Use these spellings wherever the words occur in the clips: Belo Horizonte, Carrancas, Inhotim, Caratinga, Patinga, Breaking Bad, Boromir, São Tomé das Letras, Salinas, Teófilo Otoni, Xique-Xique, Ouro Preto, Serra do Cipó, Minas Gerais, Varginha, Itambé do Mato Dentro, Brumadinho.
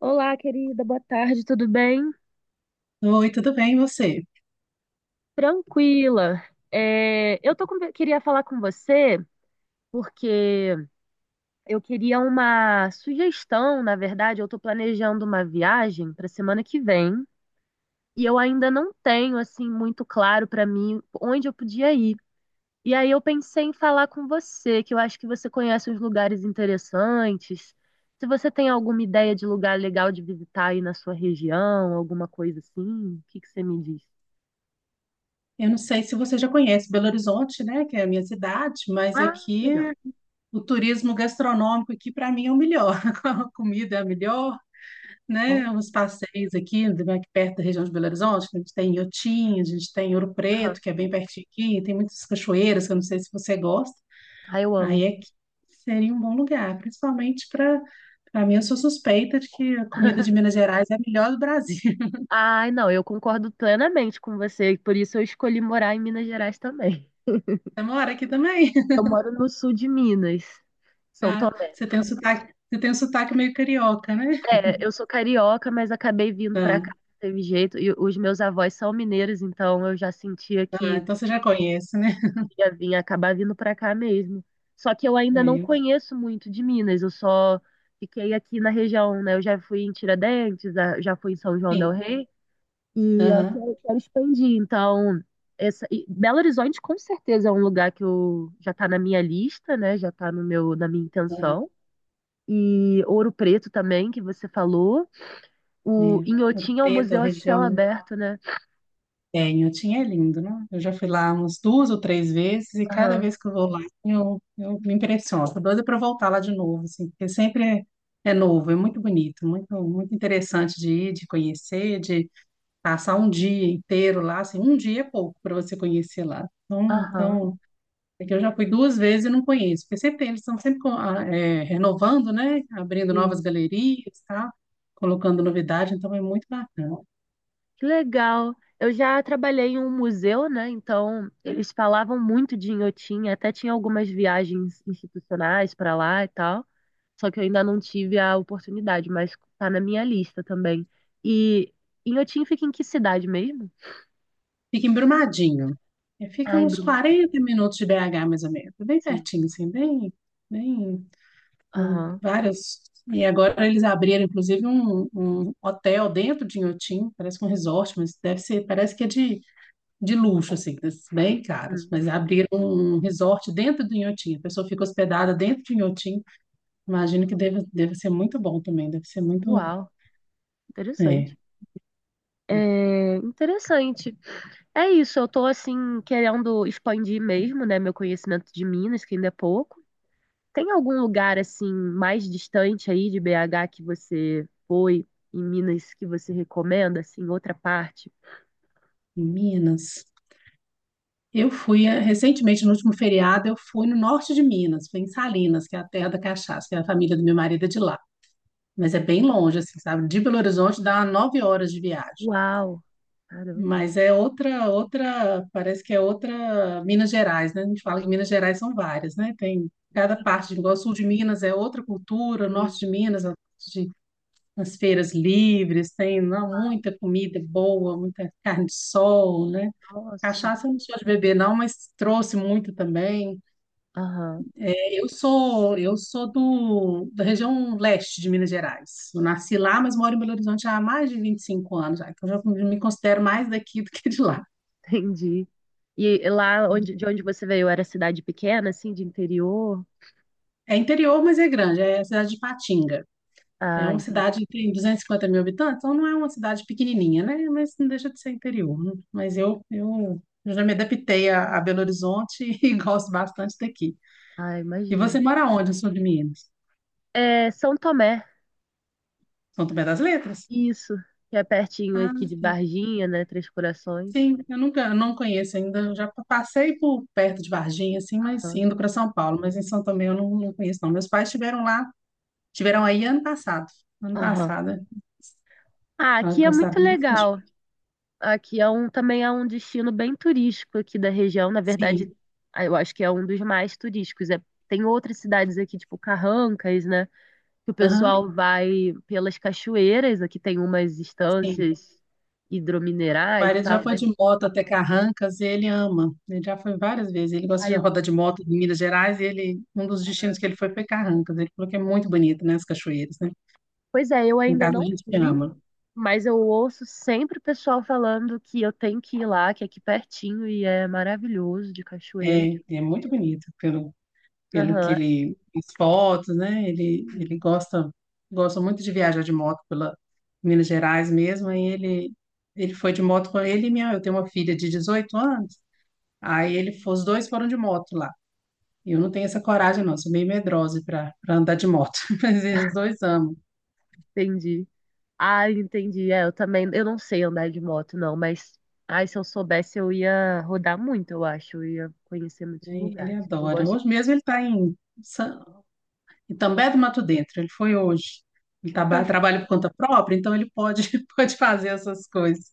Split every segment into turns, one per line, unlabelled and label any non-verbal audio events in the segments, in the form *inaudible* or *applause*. Olá, querida, boa tarde, tudo bem?
Oi, tudo bem, e você?
Tranquila. Queria falar com você porque eu queria uma sugestão, na verdade, eu tô planejando uma viagem para semana que vem e eu ainda não tenho assim muito claro para mim onde eu podia ir. E aí eu pensei em falar com você, que eu acho que você conhece uns lugares interessantes. Se você tem alguma ideia de lugar legal de visitar aí na sua região, alguma coisa assim, o que que você me diz?
Eu não sei se você já conhece Belo Horizonte, né, que é a minha cidade, mas
Ah,
aqui
legal.
o turismo gastronômico aqui para mim é o melhor. *laughs* A comida é a melhor,
Oh.
né? Os passeios aqui, aqui perto da região de Belo Horizonte, a gente tem Iotim, a gente tem Ouro
Aham.
Preto, que é bem pertinho aqui, tem muitas cachoeiras, que eu não sei se você gosta.
Ai, eu
Aí
amo.
é que seria um bom lugar, principalmente para mim, eu sou suspeita de que a comida de
*laughs*
Minas Gerais é a melhor do Brasil. *laughs*
Ai, não, eu concordo plenamente com você, por isso eu escolhi morar em Minas Gerais também.
Você mora aqui também?
Eu moro no sul de Minas, São
Ah,
Tomé.
você tem um sotaque, você tem um sotaque meio carioca, né?
É, eu sou carioca, mas acabei vindo pra cá, não teve jeito. E os meus avós são mineiros, então eu já sentia
Ah,
que
então você já conhece, né?
ia vir, acabar vindo pra cá mesmo. Só que eu ainda
É,
não
eu-
conheço muito de Minas, eu só fiquei aqui na região, né? Eu já fui em Tiradentes, já fui em São João del
sim.
Rei. E eu
Aham,
quero expandir. Então, essa, e Belo Horizonte com certeza é um lugar que já está na minha lista, né? Já está no na minha
aham.
intenção. E Ouro Preto também, que você falou. O
É Ouro
Inhotim é um
Preto, a
museu a
região
céu
onde
aberto, né?
tenho. Tinha é lindo, né? Eu já fui lá umas duas ou três vezes e cada
Aham,
vez que eu vou lá eu me impressiono. Tô doida para voltar lá de novo, assim, porque sempre é, é novo, é muito bonito, muito, muito interessante de ir, de conhecer, de passar um dia inteiro lá, assim, um dia é pouco para você conhecer lá. Então,
aham.
então é que eu já fui duas vezes e não conheço, porque sempre tem, eles estão sempre renovando, né? Abrindo novas
Sim.
galerias, tá? Colocando novidade, então é muito bacana.
Que legal. Eu já trabalhei em um museu, né? Então, eles falavam muito de Inhotim, até tinha algumas viagens institucionais para lá e tal. Só que eu ainda não tive a oportunidade, mas tá na minha lista também. E Inhotim fica em que cidade mesmo?
Fica em Brumadinho. É, fica
Ah, em
uns
Brumadinho,
40 minutos de BH, mais ou menos. É bem
sim.
pertinho, assim, bem, bem, com
Aham.
vários. E agora eles abriram, inclusive, um hotel dentro de Inhotim, parece que é um resort, mas deve ser, parece que é de luxo, assim, desses bem caros.
Hum.
Mas abriram um resort dentro do Inhotim, a pessoa fica hospedada dentro de Inhotim. Imagino que deve, deve ser muito bom também, deve ser muito.
Uau,
É,
interessante.
é.
É interessante. É isso, eu tô assim querendo expandir mesmo, né, meu conhecimento de Minas, que ainda é pouco. Tem algum lugar assim mais distante aí de BH que você foi em Minas que você recomenda assim, outra parte?
Em Minas, eu fui recentemente, no último feriado, eu fui no norte de Minas, fui em Salinas, que é a terra da cachaça, que é a família do meu marido é de lá. Mas é bem longe, assim, sabe? De Belo Horizonte dá 9 horas de viagem.
Uau, caramba.
Mas é outra, parece que é outra Minas Gerais, né? A gente fala que Minas Gerais são várias, né? Tem cada parte, igual o sul de Minas é outra cultura, o norte
Sim.
de Minas, a parte nas feiras livres, tem não, muita comida boa, muita carne de sol, né?
Nossa.
Cachaça eu não sou de beber, não, mas trouxe muito também.
Aham.
É, eu sou do, da região leste de Minas Gerais. Eu nasci lá, mas moro em Belo Horizonte há mais de 25 anos, já, então eu já me considero mais daqui do que de lá.
*laughs* entendi. E lá onde, de onde você veio, era cidade pequena, assim, de interior?
É interior, mas é grande, é a cidade de Patinga. É
Ah,
uma
entendi.
cidade que tem 250 mil habitantes, então não é uma cidade pequenininha, né? Mas não deixa de ser interior, né? Mas eu já me adaptei a Belo Horizonte *laughs* e gosto bastante daqui.
Ah,
E você
imagino.
mora onde, no sul de Minas?
É São Tomé,
São Tomé das Letras?
isso, que é pertinho
Ah,
aqui de
sim.
Varginha, né? Três Corações.
Sim, eu nunca, eu não conheço ainda. Eu já passei por perto de Varginha, assim, mas
Aham.
indo para São Paulo. Mas em São Tomé eu não, não conheço, não. Meus pais estiveram lá, tiveram aí ano passado. Ano
Aham.
passado, né?
Ah,
Ah,
aqui é muito
gostaram muito.
legal. Aqui é também é um destino bem turístico aqui da região. Na verdade,
Sim.
ah, eu acho que é um dos mais turísticos. É, tem outras cidades aqui, tipo Carrancas, né? Que o
Aham,
pessoal vai pelas cachoeiras, aqui tem umas
sim.
estâncias
O
hidrominerais e
marido já
tal,
foi
mas
de moto até Carrancas e ele ama. Ele já foi várias vezes. Ele gosta
ai,
de
eu-
rodar de moto em Minas Gerais e ele, um dos destinos que ele foi Carrancas. Ele falou que é muito bonito, né? As cachoeiras, né?
pois é, eu
Em
ainda
casa a
não
gente
fui,
ama.
mas eu ouço sempre o pessoal falando que eu tenho que ir lá, que é aqui pertinho e é maravilhoso de cachoeira.
É, é muito bonito pelo, pelo que
Aham,
ele as fotos, né? Ele gosta, gosta muito de viajar de moto pela Minas Gerais mesmo. Aí ele foi de moto com ele e minha, eu tenho uma filha de 18 anos. Aí ele, os dois foram de moto lá. Eu não tenho essa coragem, não. Sou meio medrosa para andar de moto. *laughs* Mas eles dois amam.
entendi. Ah, entendi. É, eu também, eu não sei andar de moto não, mas ai, se eu soubesse eu ia rodar muito, eu acho, eu ia conhecer muitos
Né? Ele
lugares. Eu
adora.
gosto
Hoje mesmo ele está em Sa- Itambé do Mato Dentro. Ele foi hoje. Ele
tanto.
trabalha por conta própria, então ele pode, *laughs* pode fazer essas coisas.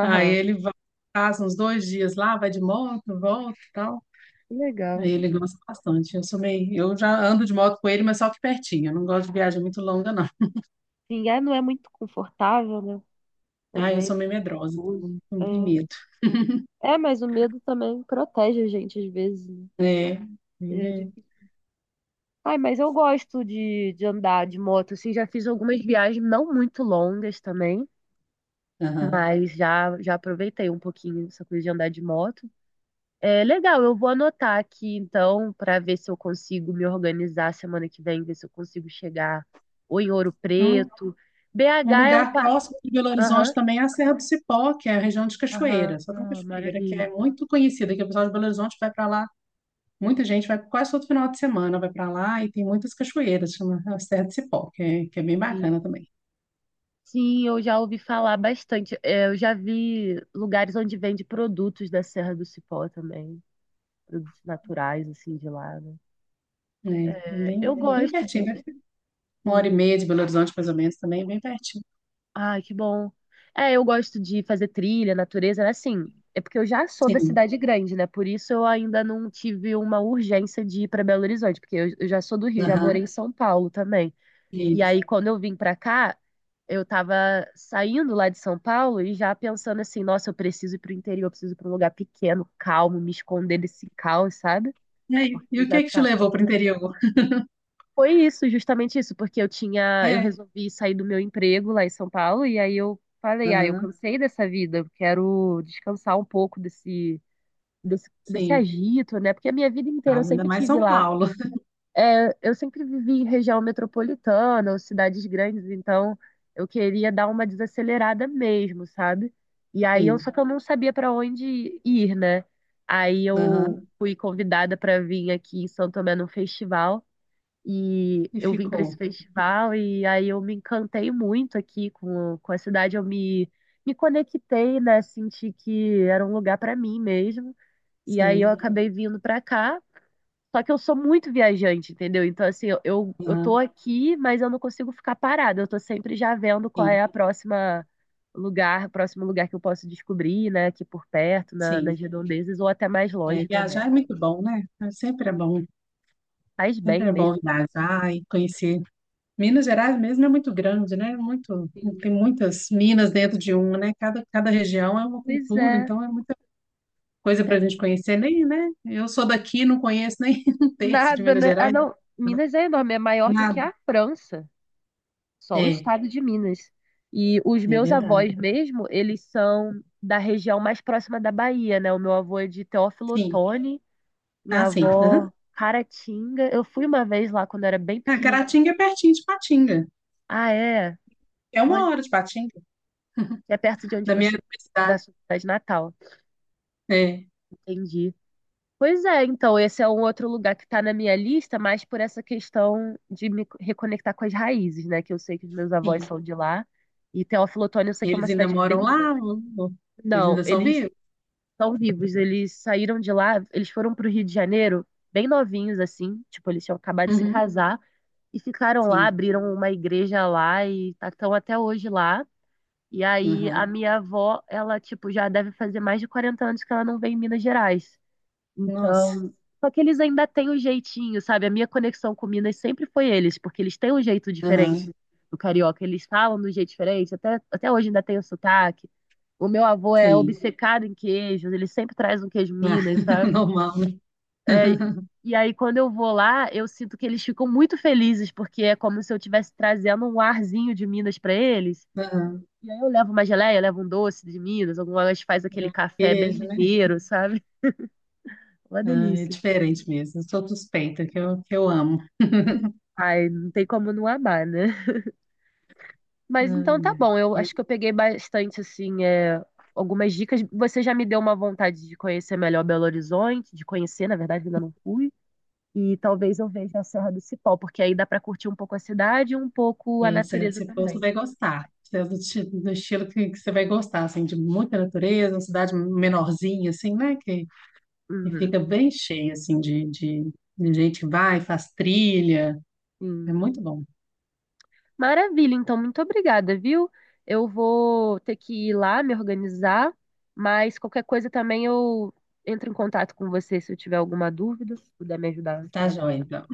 Aí ele vai, passa uns dois dias lá, vai de moto, volta e tal.
que
Aí
legal.
ele gosta bastante. Eu sou meio, eu já ando de moto com ele, mas só que pertinho. Eu não gosto de viagem muito longa, não.
Sim, é, não é muito confortável, né?
Ah, eu sou
Também
meio medrosa,
perigoso.
então não tenho medo.
É, é, mas o medo também protege a gente às vezes, né?
É,
É
ele,
difícil. Ai, mas eu gosto de andar de moto, assim, já fiz algumas viagens não muito longas também,
aham.
mas já aproveitei um pouquinho essa coisa de andar de moto. É legal, eu vou anotar aqui então para ver se eu consigo me organizar semana que vem, ver se eu consigo chegar ou em Ouro
Eu não.
Preto.
Um
BH é um
lugar
pa...
próximo de Belo Horizonte
Aham,
também é a Serra do Cipó, que é a região de
aham,
Cachoeira, só tem
ah,
Cachoeira, que
maravilha.
é muito conhecida, que o pessoal de Belo Horizonte vai para lá, muita gente vai quase todo final de semana, vai para lá e tem muitas cachoeiras, chama a Serra do Cipó, que é bem bacana também.
Sim, eu já ouvi falar bastante. É, eu já vi lugares onde vende produtos da Serra do Cipó também, produtos naturais, assim, de lá, né?
Né?
Eu
É bem
gosto
pertinho,
de.
deve uma hora e
Sim.
meia de Belo Horizonte, mais ou menos, também, é bem pertinho.
Ai, que bom. É, eu gosto de fazer trilha, natureza, né? Assim, é porque eu já sou da
Sim,
cidade grande, né? Por isso eu ainda não tive uma urgência de ir para Belo Horizonte, porque eu já sou do Rio, já morei
aham,
em São Paulo também. E
isso.
aí, quando eu vim pra cá, eu tava saindo lá de São Paulo e já pensando assim, nossa, eu preciso ir pro interior, eu preciso ir pra um lugar pequeno, calmo, me esconder desse caos, sabe?
E aí,
Porque
e
eu
o que
já
é que te
tava.
levou para o interior?
Foi isso, justamente isso, porque eu tinha, eu
É,
resolvi sair do meu emprego lá em São Paulo e aí eu falei, ah, eu
aham,
cansei dessa vida, eu quero descansar um pouco desse
sim,
agito, né? Porque a minha vida inteira eu
causa ainda
sempre
mais
tive
São
lá.
Paulo,
É, eu sempre vivi em região metropolitana ou cidades grandes, então eu queria dar uma desacelerada mesmo, sabe? E aí eu
sim,
só que eu não sabia para onde ir, né? Aí eu
aham,
fui convidada para vir aqui em São Tomé num festival e
e
eu vim para esse
ficou,
festival e aí eu me encantei muito aqui com a cidade, eu me me conectei, né? Senti que era um lugar para mim mesmo. E aí eu
sim,
acabei vindo para cá. Só que eu sou muito viajante, entendeu? Então, assim, eu tô
aham,
aqui, mas eu não consigo ficar parada. Eu tô sempre já vendo qual é
sim.
a próximo lugar que eu posso descobrir, né? Aqui por perto, nas
Sim,
redondezas, ou até mais
é,
longe também.
viajar é muito bom, né? É, sempre é bom,
Faz bem
sempre é bom
mesmo.
viajar e conhecer. Minas Gerais mesmo é muito grande, né? Muito,
Sim.
tem muitas minas dentro de uma, né? Cada região é uma
Pois
cultura,
é,
então é muita coisa para
é
a gente conhecer, nem, né? Eu sou daqui, não conheço nem *laughs* um terço de
nada,
Minas
né? Ah,
Gerais,
não, Minas é enorme, é maior do que
nada.
a França, só o
É,
estado de Minas. E os
é
meus
verdade.
avós mesmo, eles são da região mais próxima da Bahia, né? O meu avô é de Teófilo
Sim,
Otoni. Minha
ah, sim. Aham.
avó, Caratinga. Eu fui uma vez lá quando eu era bem
Ah,
pequenininha.
Caratinga é pertinho de Patinga.
Ah, é?
É uma
Olha,
hora de Patinga,
é perto de onde
da minha
você, da
cidade.
sua cidade natal.
É,
Entendi. Pois é, então, esse é um outro lugar que está na minha lista, mas por essa questão de me reconectar com as raízes, né? Que eu sei que os meus
sim.
avós são de lá. E Teófilo Otoni, eu sei que é uma
Eles ainda
cidade
moram
bem
lá,
grande.
ou- eles
Não,
ainda são
eles
vivos?
estão vivos. Eles saíram de lá, eles foram pro Rio de Janeiro, bem novinhos, assim, tipo, eles tinham acabado de se
Uhum,
casar e ficaram lá,
sim.
abriram uma igreja lá e estão até hoje lá. E aí a
Aham.
minha avó, ela, tipo, já deve fazer mais de 40 anos que ela não vem em Minas Gerais.
Nossa.
Então, só que eles ainda têm um jeitinho, sabe? A minha conexão com Minas sempre foi eles, porque eles têm um jeito
Aham,
diferente do carioca. Eles falam de um jeito diferente, até, até hoje ainda tem o sotaque. O meu avô é
sim.
obcecado em queijos, ele sempre traz um queijo
Ah,
Minas,
*laughs*
sabe?
normal, né?
É, e aí, quando eu vou lá, eu sinto que eles ficam muito felizes, porque é como se eu estivesse trazendo um arzinho de Minas para eles.
Aham.
E aí eu levo uma geleia, eu levo um doce de Minas, algumas faz aquele café bem
Queijo, né?
mineiro, sabe? *laughs* Uma
Ah, é
delícia.
diferente mesmo. Eu sou suspeita, que eu amo.
Ai, não tem como não amar, né?
Ai,
Mas então tá bom,
ai.
eu acho que eu peguei bastante, assim, é, algumas dicas. Você já me deu uma vontade de conhecer melhor Belo Horizonte, de conhecer, na verdade, ainda não fui. E talvez eu veja a Serra do Cipó, porque aí dá pra curtir um pouco a cidade e um pouco a
E, se,
natureza
se for, você
também.
vai gostar. Você é do, do estilo que você vai gostar, assim, de muita natureza, uma cidade menorzinha, assim, né? Que
Uhum,
fica bem cheia, assim, de gente que vai, faz trilha. É
sim.
muito bom.
Maravilha, então, muito obrigada, viu? Eu vou ter que ir lá me organizar, mas qualquer coisa também eu entro em contato com você se eu tiver alguma dúvida, se puder me ajudar.
Tá joia, então.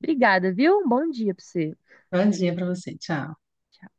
Obrigada, viu? Um bom dia para você.
Bom dia pra você. Tchau.
Tchau.